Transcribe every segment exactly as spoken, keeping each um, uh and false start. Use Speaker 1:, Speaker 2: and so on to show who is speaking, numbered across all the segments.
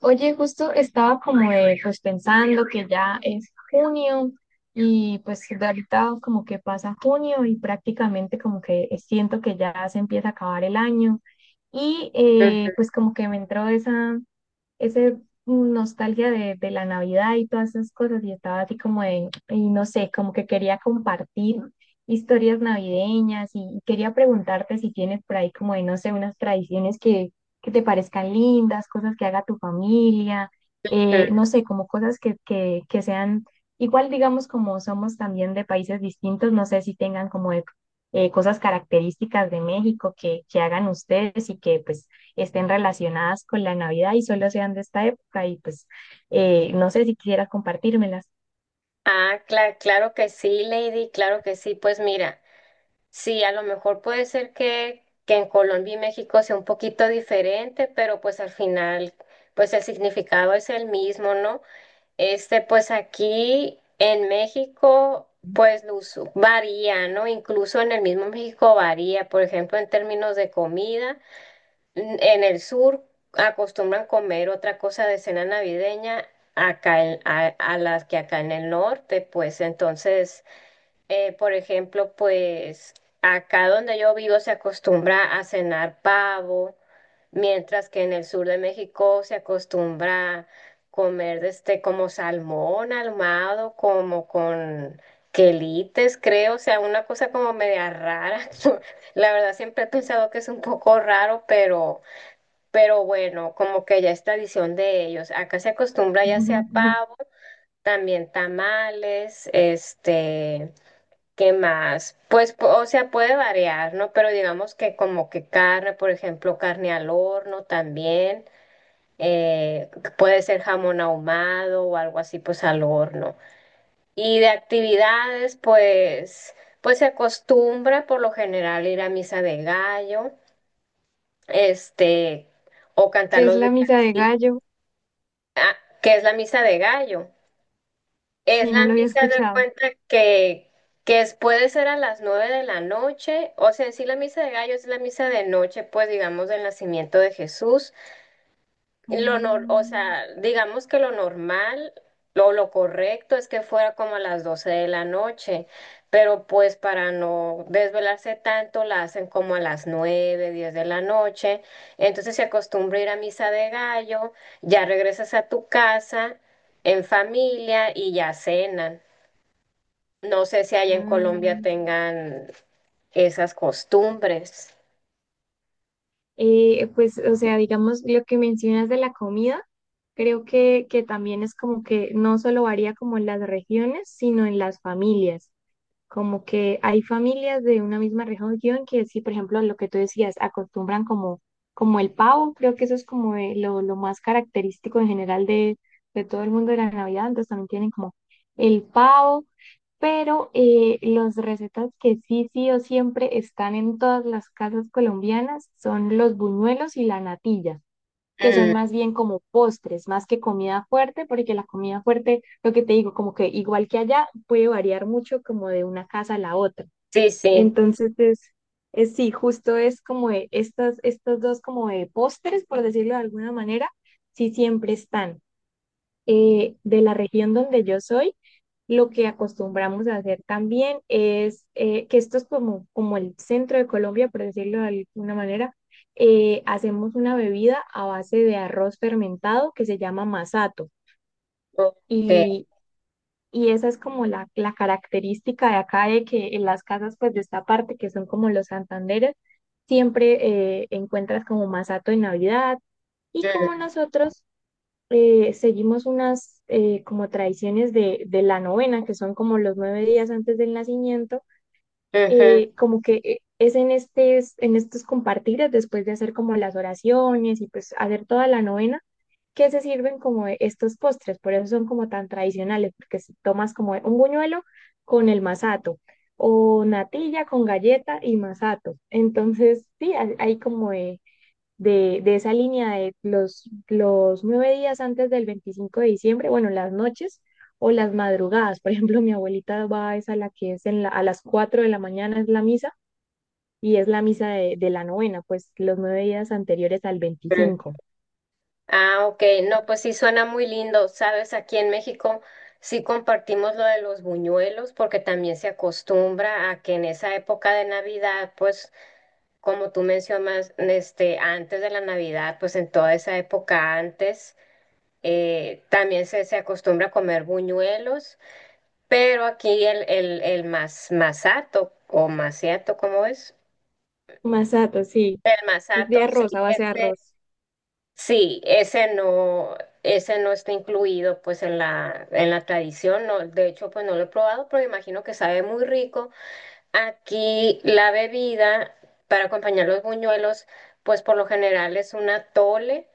Speaker 1: Oye, justo estaba como eh, pues pensando que ya es junio y pues de ahorita como que pasa junio y prácticamente como que siento que ya se empieza a acabar el año y
Speaker 2: Ujú.
Speaker 1: eh, pues como que me entró esa, ese mm, nostalgia de, de la Navidad y todas esas cosas y estaba así como de, y no sé, como que quería compartir historias navideñas y, y quería preguntarte si tienes por ahí como de, no sé, unas tradiciones que, que te parezcan lindas, cosas que haga tu familia, eh, no sé, como cosas que, que, que sean igual, digamos, como somos también de países distintos, no sé si tengan como de, eh, cosas características de México que, que hagan ustedes y que pues estén relacionadas con la Navidad y solo sean de esta época y pues eh, no sé si quisieras compartírmelas.
Speaker 2: Ah, cla- claro que sí, Lady, claro que sí. Pues mira, sí, a lo mejor puede ser que, que en Colombia y México sea un poquito diferente, pero pues al final, pues el significado es el mismo, ¿no? Este, pues aquí en México, pues lo usu- varía, ¿no? Incluso en el mismo México varía, por ejemplo, en términos de comida. En el sur acostumbran comer otra cosa de cena navideña acá en- a, a las que acá en el norte, pues entonces, eh, por ejemplo, pues acá donde yo vivo se acostumbra a cenar pavo, mientras que en el sur de México se acostumbra comer este como salmón ahumado, como con quelites, creo, o sea, una cosa como media rara. La verdad siempre he pensado que es un poco raro, pero pero bueno, como que ya es tradición de ellos. Acá se acostumbra ya sea pavo, también tamales, este, ¿qué más? Pues, po- o sea, puede variar, ¿no? Pero digamos que como que carne, por ejemplo, carne al horno también, eh, puede ser jamón ahumado o algo así, pues al horno. Y de actividades, pues, pues se acostumbra por lo general ir a misa de gallo, este, o cantar
Speaker 1: ¿Qué es
Speaker 2: los
Speaker 1: la misa de
Speaker 2: villancicos.
Speaker 1: gallo?
Speaker 2: Ah, que es la misa de gallo. Es
Speaker 1: Sí, no
Speaker 2: la
Speaker 1: lo había
Speaker 2: misa de
Speaker 1: escuchado.
Speaker 2: cuenta que, que es- puede ser a las nueve de la noche, o sea, en sí la misa de gallo es la misa de noche, pues digamos, del nacimiento de Jesús.
Speaker 1: Ah,
Speaker 2: Lo nor- O sea, digamos que lo normal, lo, lo correcto es que fuera como a las doce de la noche, pero pues para no desvelarse tanto, la hacen como a las nueve diez de la noche. Entonces se acostumbra ir a misa de gallo, ya regresas a tu casa en familia y ya cenan. No sé si allá en
Speaker 1: ah,
Speaker 2: Colombia tengan esas costumbres.
Speaker 1: eh, pues, o sea, digamos, lo que mencionas de la comida, creo que, que también es como que no solo varía como en las regiones, sino en las familias. Como que hay familias de una misma región que sí, por ejemplo, lo que tú decías, acostumbran como, como el pavo, creo que eso es como eh, lo, lo más característico en general de, de todo el mundo de la Navidad, entonces también tienen como el pavo, pero eh, las recetas que sí, sí o siempre están en todas las casas colombianas son los buñuelos y la natilla que son
Speaker 2: Mm,
Speaker 1: más bien como postres, más que comida fuerte, porque la comida fuerte, lo que te digo, como que igual que allá, puede variar mucho como de una casa a la otra.
Speaker 2: sí, sí.
Speaker 1: Entonces es, es sí, justo es como de estas, estos dos como de postres, por decirlo de alguna manera, sí siempre están. Eh, de la región donde yo soy, lo que acostumbramos a hacer también es eh, que esto es como, como el centro de Colombia, por decirlo de alguna manera. Eh, hacemos una bebida a base de arroz fermentado que se llama masato.
Speaker 2: Ok.
Speaker 1: Y, y esa es como la, la característica de acá, de que en las casas pues de esta parte, que son como los Santanderes, siempre eh, encuentras como masato en Navidad. Y como
Speaker 2: Mm,
Speaker 1: nosotros eh, seguimos unas eh, como tradiciones de, de la novena, que son como los nueve días antes del nacimiento,
Speaker 2: ujú,
Speaker 1: eh, como que eh, es en, estes, en estos compartires, después de hacer como las oraciones y pues hacer toda la novena, que se sirven como estos postres, por eso son como tan tradicionales, porque si tomas como un buñuelo con el masato o natilla con galleta y masato. Entonces, sí, hay, hay como eh, de, de esa línea de los, los nueve días antes del veinticinco de diciembre, bueno, las noches o las madrugadas. Por ejemplo, mi abuelita va es a la que es en la, a las cuatro de la mañana es la misa y es la misa de, de la novena, pues los nueve días anteriores al
Speaker 2: ujú.
Speaker 1: veinticinco
Speaker 2: Ah, ok, no, pues sí suena muy lindo, sabes. Aquí en México sí compartimos lo de los buñuelos porque también se acostumbra a que en esa época de Navidad, pues como tú mencionas, este, antes de la Navidad, pues en toda esa época antes, eh, también se, se acostumbra a comer buñuelos, pero aquí el, el, el mas- masato o maciato, ¿cómo es?
Speaker 1: Masato, sí,
Speaker 2: El
Speaker 1: es de
Speaker 2: masato, sí,
Speaker 1: arroz, a base de
Speaker 2: ese.
Speaker 1: arroz.
Speaker 2: Sí, ese no, ese no está incluido pues en la, en la tradición, no, de hecho pues no lo he probado, pero imagino que sabe muy rico. Aquí la bebida para acompañar los buñuelos pues por lo general es un atole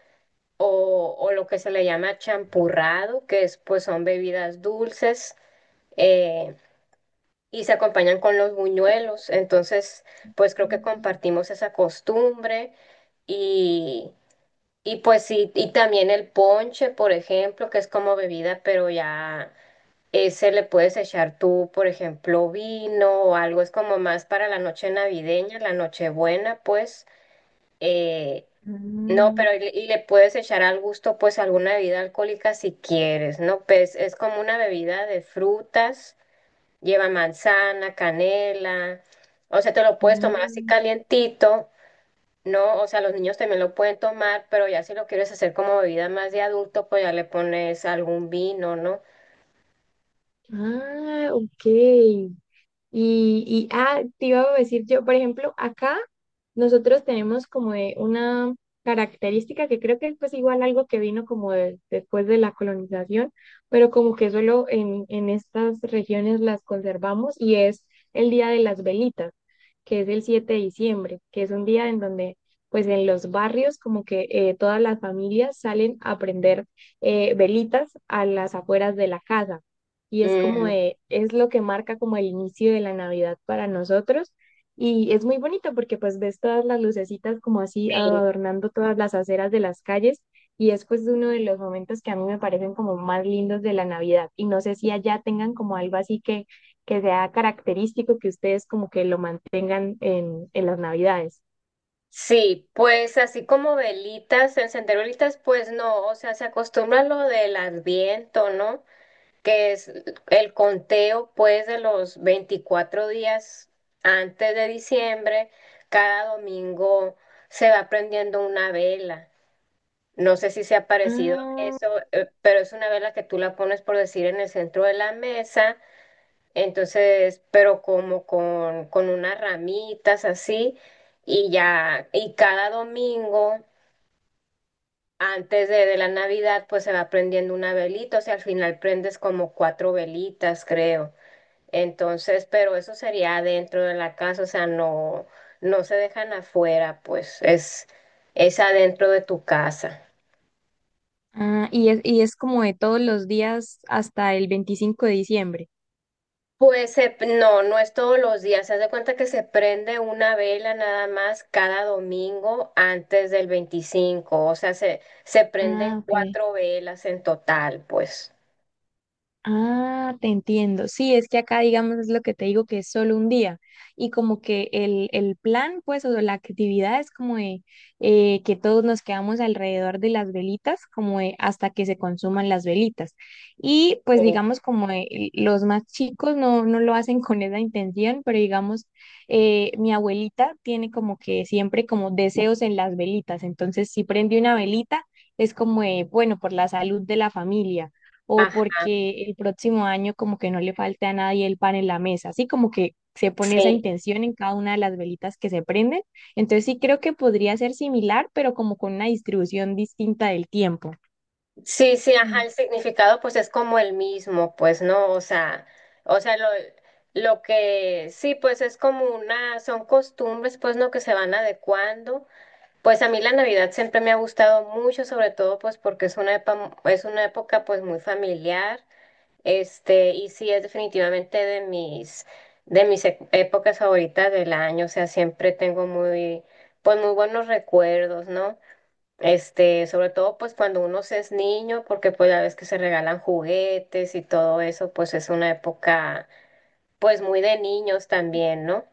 Speaker 2: o, o lo que se le llama champurrado, que es pues son bebidas dulces eh, y se acompañan con los buñuelos. Entonces pues creo que compartimos esa costumbre y y pues sí, y también el ponche, por ejemplo, que es como bebida, pero ya ese le puedes echar tú, por ejemplo, vino o algo. Es como más para la noche navideña, la Nochebuena, pues. eh, no,
Speaker 1: Ah,
Speaker 2: pero y le, y le puedes echar al gusto, pues, alguna bebida alcohólica si quieres, ¿no? Pues es como una bebida de frutas, lleva manzana, canela, o sea, te lo puedes tomar así
Speaker 1: ah,
Speaker 2: calientito. No, o sea, los niños también lo pueden tomar, pero ya si lo quieres hacer como bebida más de adulto, pues ya le pones algún vino, ¿no?
Speaker 1: ah, ok. Y, y, ah, te iba a decir yo, por ejemplo, acá nosotros tenemos como de una característica que creo que es pues igual algo que vino como de- después de la colonización, pero como que solo en, en estas regiones las conservamos y es el Día de las Velitas, que es el siete de diciembre, que es un día en donde pues en los barrios como que eh, todas las familias salen a prender eh, velitas a las afueras de la casa y es como
Speaker 2: Mm,
Speaker 1: de, es lo que marca como el inicio de la Navidad para nosotros y es muy bonito porque pues ves todas las lucecitas como así
Speaker 2: sí.
Speaker 1: adornando todas las aceras de las calles y es pues uno de los momentos que a mí me parecen como más lindos de la Navidad y no sé si allá tengan como algo así que, que sea característico que ustedes como que lo mantengan en, en las Navidades.
Speaker 2: Sí, pues así como velitas, encender velitas, pues no, o sea, se acostumbra a lo del adviento, ¿no? Que es el conteo, pues, de los veinticuatro días antes de diciembre, cada domingo se va prendiendo una vela. No sé si se ha parecido a
Speaker 1: Ah,
Speaker 2: eso, eh, pero es una vela que tú la pones, por decir, en el centro de la mesa. Entonces, pero como con, con unas ramitas así, y ya, y cada domingo, antes de, de la Navidad, pues se va prendiendo una velita, o sea, al final prendes como cuatro velitas, creo. Entonces, pero eso sería dentro de la casa, o sea, no, no se dejan afuera, pues es, es adentro de tu casa.
Speaker 1: ah, y es, y es como de todos los días hasta el veinticinco de diciembre.
Speaker 2: Pues se- no, no es todos los días. Se hace cuenta que se prende una vela nada más cada domingo antes del veinticinco. O sea, se, se prenden
Speaker 1: Ah, ok.
Speaker 2: cuatro velas en total, pues.
Speaker 1: Ah, te entiendo. Sí, es que acá, digamos, es lo que te digo, que es solo un día. Y como que el, el plan, pues, o la actividad es como de eh, que todos nos quedamos alrededor de las velitas, como de hasta que se consuman las velitas. Y pues,
Speaker 2: Sí.
Speaker 1: digamos, como de eh, los más chicos no, no lo hacen con esa intención, pero digamos, eh, mi abuelita tiene como que siempre como deseos en las velitas. Entonces, si prende una velita, es como de, bueno, por la salud de la familia o
Speaker 2: Ajá,
Speaker 1: porque el próximo año como que no le falte a nadie el pan en la mesa, así como que se pone esa
Speaker 2: sí.
Speaker 1: intención en cada una de las velitas que se prenden. Entonces sí creo que podría ser similar, pero como con una distribución distinta del tiempo.
Speaker 2: Sí, sí, ajá, el significado pues es como el mismo, pues, ¿no? O sea, o sea, lo, lo que sí, pues es como una, son costumbres, pues, ¿no? Que se van adecuando. Pues a mí la Navidad siempre me ha gustado mucho, sobre todo pues porque es una epa- es una época pues muy familiar, este, y sí es definitivamente de mis de mis e- épocas favoritas del año, o sea, siempre tengo muy pues muy buenos recuerdos, ¿no? Este, sobre todo pues cuando uno se es niño, porque pues la vez que se regalan juguetes y todo eso, pues es una época pues muy de niños también, ¿no?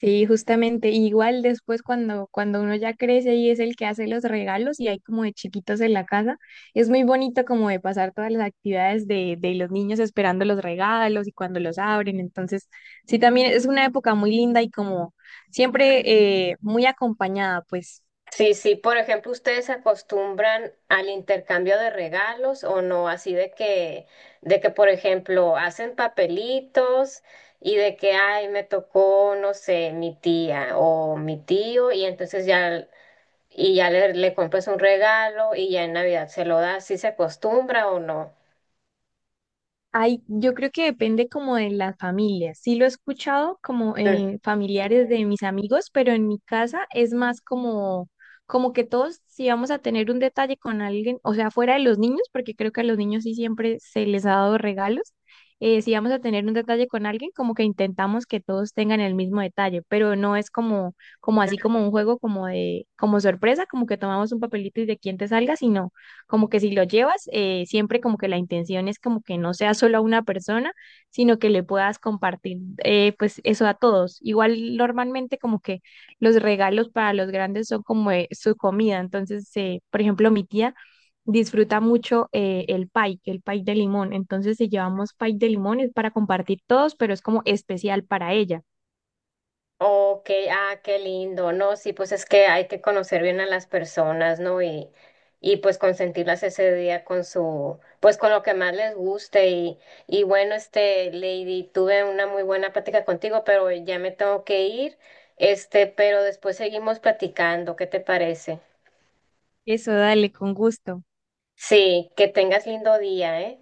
Speaker 1: Sí, justamente. Y igual después cuando, cuando uno ya crece y es el que hace los regalos y hay como de chiquitos en la casa, es muy bonito como de pasar todas las actividades de, de los niños esperando los regalos y cuando los abren. Entonces, sí, también es una época muy linda y como siempre eh, muy acompañada, pues.
Speaker 2: Sí, sí, por ejemplo, ¿ustedes se acostumbran al intercambio de regalos o no? Así de que, de que, por ejemplo, hacen papelitos y de que, ay, me tocó, no sé, mi tía o mi tío, y entonces ya, y ya, le, le compras un regalo y ya en Navidad se lo das, ¿sí se acostumbra o no?
Speaker 1: Ay, yo creo que depende como de las familias. Sí lo he escuchado como en familiares de mis amigos, pero en mi casa es más como, como que todos si vamos a tener un detalle con alguien, o sea, fuera de los niños, porque creo que a los niños sí siempre se les ha dado regalos. Eh, si vamos a tener un detalle con alguien, como que intentamos que todos tengan el mismo detalle, pero no es como, como así como un juego como de, como sorpresa, como que tomamos un papelito y de quién te salga, sino como que si lo llevas, eh, siempre como que la intención es como que no sea solo a una persona, sino que le puedas compartir eh, pues eso a todos. Igual normalmente como que los regalos para los grandes son como eh, su comida. Entonces, eh, por ejemplo, mi tía disfruta mucho eh, el pie, el pie de limón. Entonces, si llevamos pie de limón es para compartir todos, pero es como especial para ella.
Speaker 2: Oh, ok, ah, qué lindo, ¿no? Sí, pues es que hay que conocer bien a las personas, ¿no? Y, y pues consentirlas ese día con su, pues con lo que más les guste. Y, y bueno, este, Lady, tuve una muy buena plática contigo, pero ya me tengo que ir, este, pero después seguimos platicando, ¿qué te parece?
Speaker 1: Eso, dale, con gusto.
Speaker 2: Sí, que tengas lindo día, ¿eh?